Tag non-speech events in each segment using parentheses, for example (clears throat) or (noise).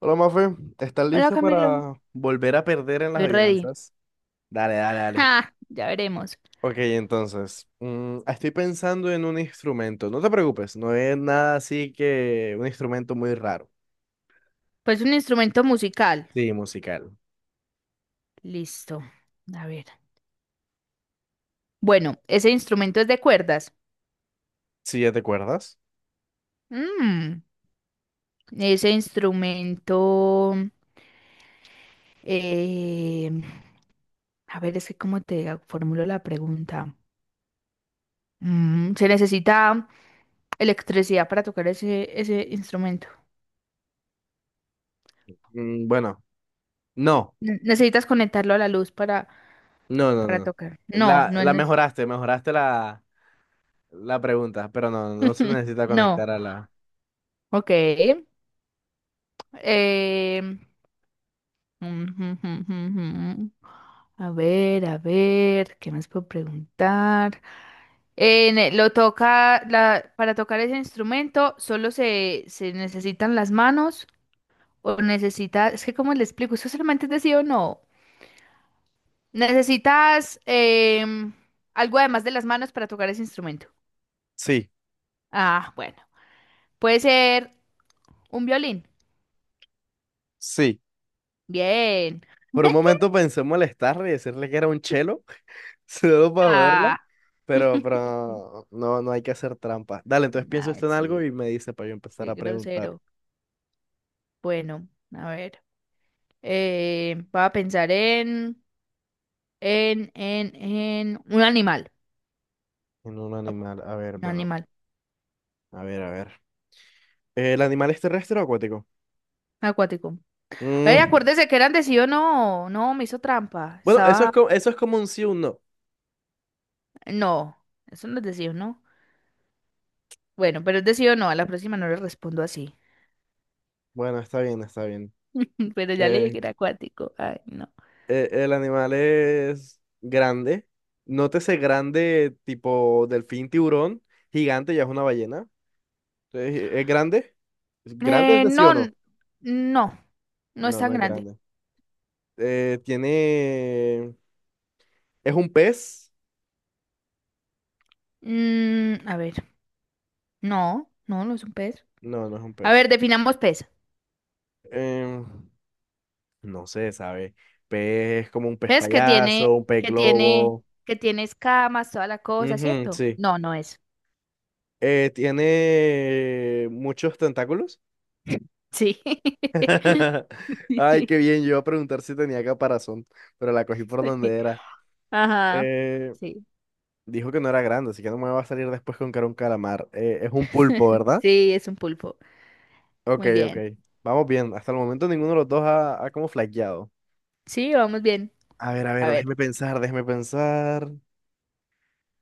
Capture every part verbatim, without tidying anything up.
Hola, Mafe, ¿estás Hola lista Camilo, para volver a perder en las estoy ready. adivinanzas? Dale, dale, dale. Ah, ya veremos. Ok, entonces, mm, estoy pensando en un instrumento. No te preocupes, no es nada así que un instrumento muy raro. Pues un instrumento musical. Sí, musical. Listo. A ver. Bueno, ese instrumento es de cuerdas. Sí, ¿ya te acuerdas? Mm, ese instrumento. eh, a ver, es que cómo te formulo la pregunta. Mm, ¿se necesita electricidad para tocar ese, ese instrumento? Mm, bueno, no, Ne- ¿Necesitas conectarlo a la luz para, no, no, para no. tocar? No, La, no la es. mejoraste, mejoraste la, la pregunta, pero no, no se nece- (laughs) necesita No. conectar a la... Ok. Em, Ujujujujú. A ver, a ver, ¿qué más puedo preguntar? En el- lo toca, la, para tocar ese instrumento, solo se, se necesitan las manos o necesita es que cómo le explico, eso solamente es de sí o no. Necesitas em, algo además de las manos para tocar ese instrumento. Sí, Ah, bueno, puede ser un violín. sí. Bien. Por un (laughs) momento pensé en molestarle y decirle que era un chelo, (laughs) solo para joderla. Ah, Pero, pero no, no hay que hacer trampa. Dale, entonces piensa ay, usted en algo sí, y me dice para yo empezar qué a preguntar. grosero. Bueno, a ver. Eh, voy a pensar en, en, en, en un animal. En un animal, a ver, Un bueno, animal a ver, a ver. ¿El animal es terrestre o acuático? acuático. Ay, Mm, acuérdese que eran de sí o no. No, me hizo trampa. bueno, eso es Estaba. como, eso es como un sí o un no. No, eso no es de sí o no. Bueno, pero es de sí o no. A la próxima no le respondo así. Bueno, está bien, está bien. (laughs) Pero ya le dije que Eh, era acuático. Ay, no. eh, el animal es grande. Nótese grande, tipo delfín, tiburón, gigante, ya es una ballena. Entonces, ¿es grande? ¿Grande es Eh, de sí no, o no? n- no. No es No, tan no es grande. grande. Eh, tiene... ¿Es un pez? Mm, a ver. No, no, no es un pez. No, no es un A pez. ver, definamos pez. Em, no sé, ¿sabe? Pez es como un pez ¿Ves que tiene, payaso, un pez que tiene, globo. que tiene escamas, toda la cosa, Ujú, ¿cierto? sí. No, no es. Eh, ¿tiene muchos tentáculos? Sí. (laughs) Ay, qué (laughs) Sí. bien. Yo iba a preguntar si tenía caparazón, pero la cogí por donde sí. era. Ajá. Eh, Sí. dijo que no era grande, así que no me va a salir después con que era un calamar. Eh, es un pulpo, ¿verdad? Sí, es un pulpo. Ok, Muy ok. bien. Vamos bien. Hasta el momento ninguno de los dos ha, ha como flaqueado. Sí, vamos bien. A ver, a A ver, ver. déjeme pensar, déjeme pensar.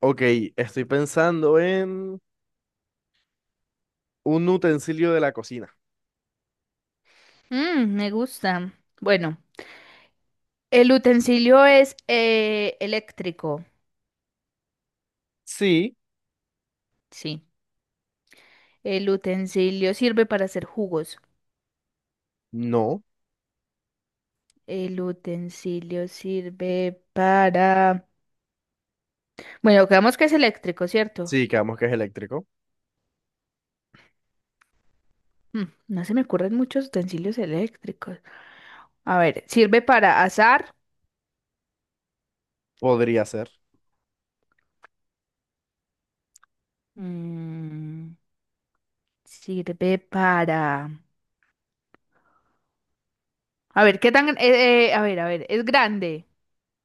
Ok, estoy pensando en un utensilio de la cocina. Mm, me gusta. Bueno, el utensilio es eh, eléctrico. Sí, Sí. El utensilio sirve para hacer jugos. no, El utensilio sirve para... Bueno, creemos que es eléctrico, ¿cierto? sí, quedamos que es eléctrico. Mm, No se me ocurren muchos utensilios eléctricos. A ver, sirve para asar. Podría ser. Mm, sirve para... A ver, ¿qué tan... eh, eh, a ver, a ver, es grande.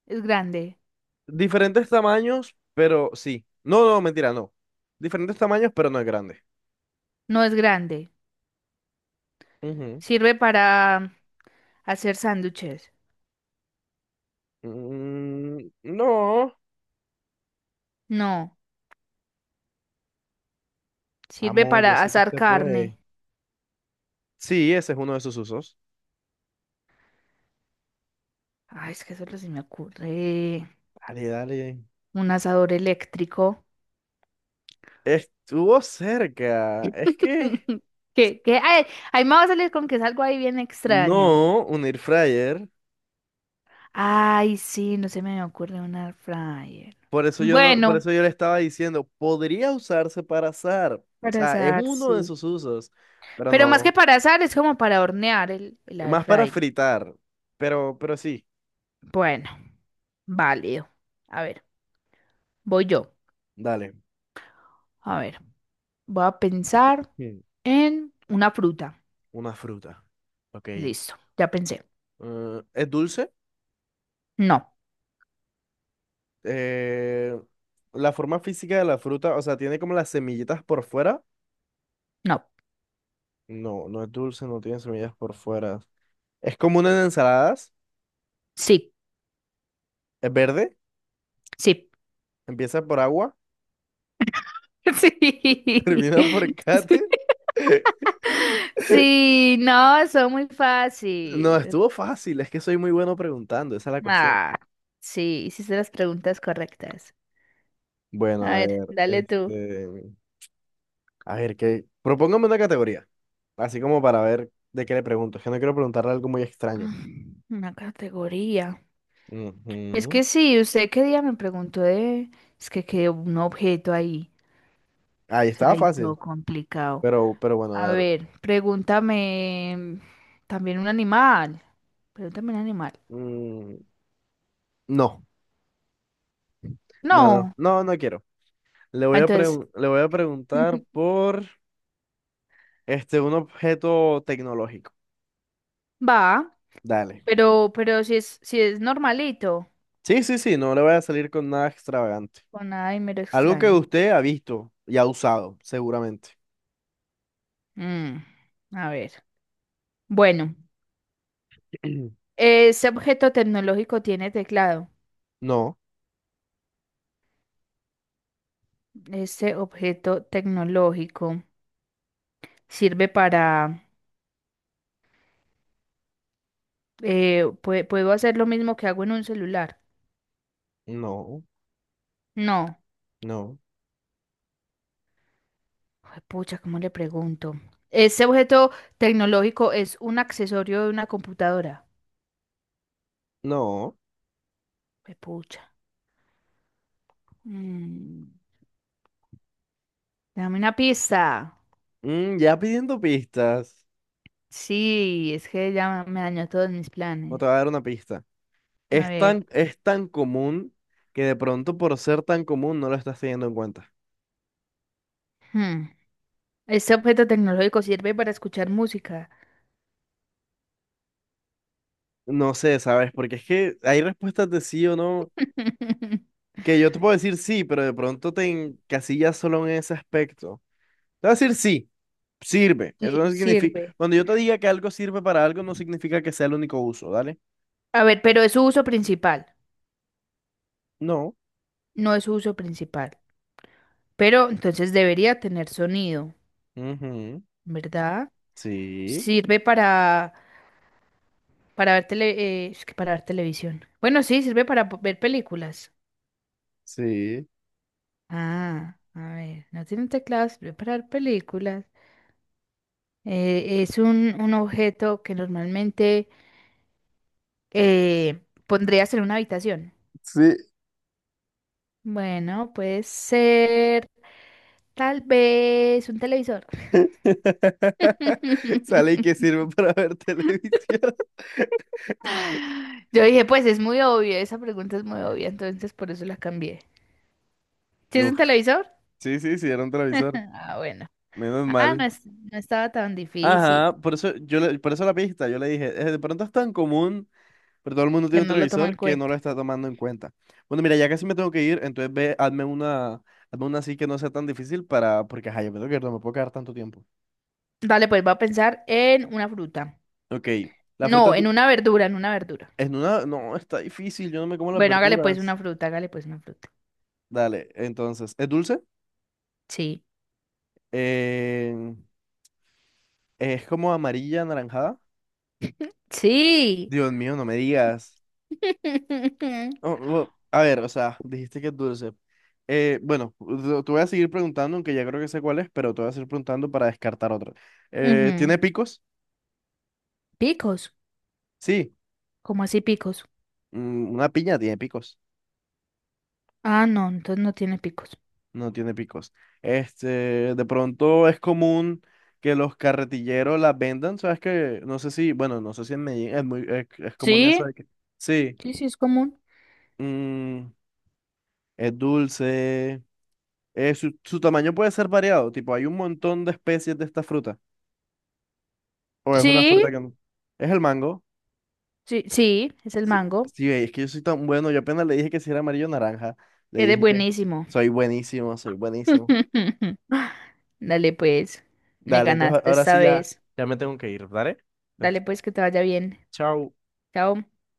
Es grande. Diferentes tamaños, pero sí. No, no, mentira, no. Diferentes tamaños, pero no es grande. No es grande. Ujú. Sirve para hacer sándwiches. Mm, no. No. Sirve Vamos, yo para sé que asar usted carne. puede. Sí, ese es uno de sus usos. Ay, es que solo se me ocurre Dale, dale. un asador eléctrico. Estuvo cerca. Es que (laughs) ¿Qué? ¿Qué? Ay, ahí me va a salir con que es algo ahí bien extraño. no, un air fryer. Ay, sí, no se me ocurre un air fryer. Por eso yo no, por Bueno, eso yo le estaba diciendo, podría usarse para asar. O para sea, es asar, uno de sí. sus usos, pero Pero más que no. para asar, es como para hornear el, el air Más para fryer. fritar. Pero, pero sí, Bueno, válido. A ver, voy yo. dale. A ver, voy a pensar Hmm, en una fruta. una fruta. Ok. Eh, Listo, ya pensé. ¿es dulce? No, Eh, la forma física de la fruta, o sea, tiene como las semillitas por fuera. no. No, no es dulce, no tiene semillas por fuera. Es común en ensaladas. Sí, Es verde. sí. (laughs) Empieza por agua. (laughs) Termina por Sí. cate. (laughs) Sí, no, son muy No, fácil. estuvo fácil, es que soy muy bueno preguntando, esa es la cuestión. Ah, sí, hiciste las preguntas correctas. Bueno, A a ver, ver, dale tú. este, a ver, que propóngame una categoría, así como para ver de qué le pregunto, es que no quiero preguntarle algo muy extraño. Ah, una categoría. Es Ujú. que sí, usted qué día me preguntó de... Es que quedó un objeto ahí. Ahí O sea, estaba ahí todo fácil, complicado. pero, pero bueno, A a ver, ver, pregúntame también un animal. Pregúntame un animal. mm, no, no, no, No. no, no quiero. Le voy Ah, a entonces, pregun- le voy a preguntar (laughs) por, este, un objeto tecnológico. va, Dale. pero, pero si es, si es normalito. Sí, sí, sí, no le voy a salir con nada extravagante. Con nada y mero Algo que extraño. usted ha visto y ha usado, seguramente. Mm, a ver. Bueno, (clears throat) ese objeto tecnológico tiene teclado. No, Este objeto tecnológico sirve para... eh, pue- ¿puedo hacer lo mismo que hago en un celular? no, No. no, Ay, pucha, ¿cómo le pregunto? ¿Ese objeto tecnológico es un accesorio de una computadora? no. Ay, pucha. Mm, dame una pista. Mm, ya pidiendo pistas. Sí, es que ya me dañó todos mis O planes. te voy a dar una pista. A Es ver. tan, es tan común que de pronto por ser tan común no lo estás teniendo en cuenta. hmm, ¿Este objeto tecnológico sirve para escuchar música? No sé, ¿sabes? Porque es que hay respuestas de sí o no (laughs) que yo te puedo decir sí, pero de pronto te encasillas solo en ese aspecto. Te voy a decir sí, sirve. Eso no Sí, significa... sirve. Cuando yo te diga que algo sirve para algo, no significa que sea el único uso, ¿dale? A ver, pero es su uso principal. No. No es su uso principal, pero entonces debería tener sonido, Ujú. ¿verdad? Sí, Sirve para, para ver tele, eh, es que para ver televisión. Bueno, sí, sirve para po- ver películas. sí. Ah, a ver, no tiene teclado, sirve para ver películas. Eh, es un, un objeto que normalmente eh, pondrías en una habitación. Sí, Bueno, puede ser tal vez un televisor. (laughs) sale y que (laughs) sirve para ver (laughs) televisión. Yo dije, pues es muy obvio, esa pregunta es muy obvia, entonces por eso la cambié. ¿Sí es Uf, un televisor? sí, sí, sí, era un televisor. Ah, bueno. Menos Ah, no, mal. es- no estaba tan difícil, Ajá, por eso, yo le- por eso la pista, yo le dije, "Eh, de pronto es tan común, pero todo el mundo tiene que un no lo tomo en televisor que no cuenta. lo está tomando en cuenta. Bueno, mira, ya casi me tengo que ir, entonces ve, hazme una, hazme una así que no sea tan difícil para, porque ajá, yo me tengo que ir, no me puedo quedar tanto tiempo. Dale, pues va a pensar en una fruta. Ok, la fruta No, en du- una verdura, en una verdura. es una, no, está difícil, yo no me como las Bueno, hágale pues verduras. una fruta, hágale pues una fruta. Dale, entonces, ¿es dulce? Sí. Eh, Es como amarilla, anaranjada. (laughs) Sí. Dios mío, no me digas. Oh, (laughs) oh, a ver, o sea, dijiste que es dulce. Eh, bueno, te te voy a seguir preguntando, aunque ya creo que sé cuál es, pero te voy a seguir preguntando para descartar otra. Eh, Ujú. ¿tiene picos? Picos. Sí. ¿Cómo así picos? Mm, una piña tiene picos. Ah, no, entonces no tiene picos. No tiene picos. Este, de pronto es común que los carretilleros las vendan, ¿sabes que no sé si, bueno, no sé si en Medellín es muy, es, es común eso Sí, de que... Sí, sí, sí, es común. mm, es dulce. Eh, su, su tamaño puede ser variado, tipo, hay un montón de especies de esta fruta. O es una fruta Sí, que no. Es el mango. sí, sí, es el Sí, mango. sí, es que yo soy tan bueno. Yo apenas le dije que si era amarillo o naranja. Le Eres dije que buenísimo. soy buenísimo, soy buenísimo. (laughs) Dale pues, me Dale, entonces a- ganaste ahora esta sí ya, vez. ya me tengo que ir, ¿vale? Dale Entonces, pues que te vaya bien. chao. Chao.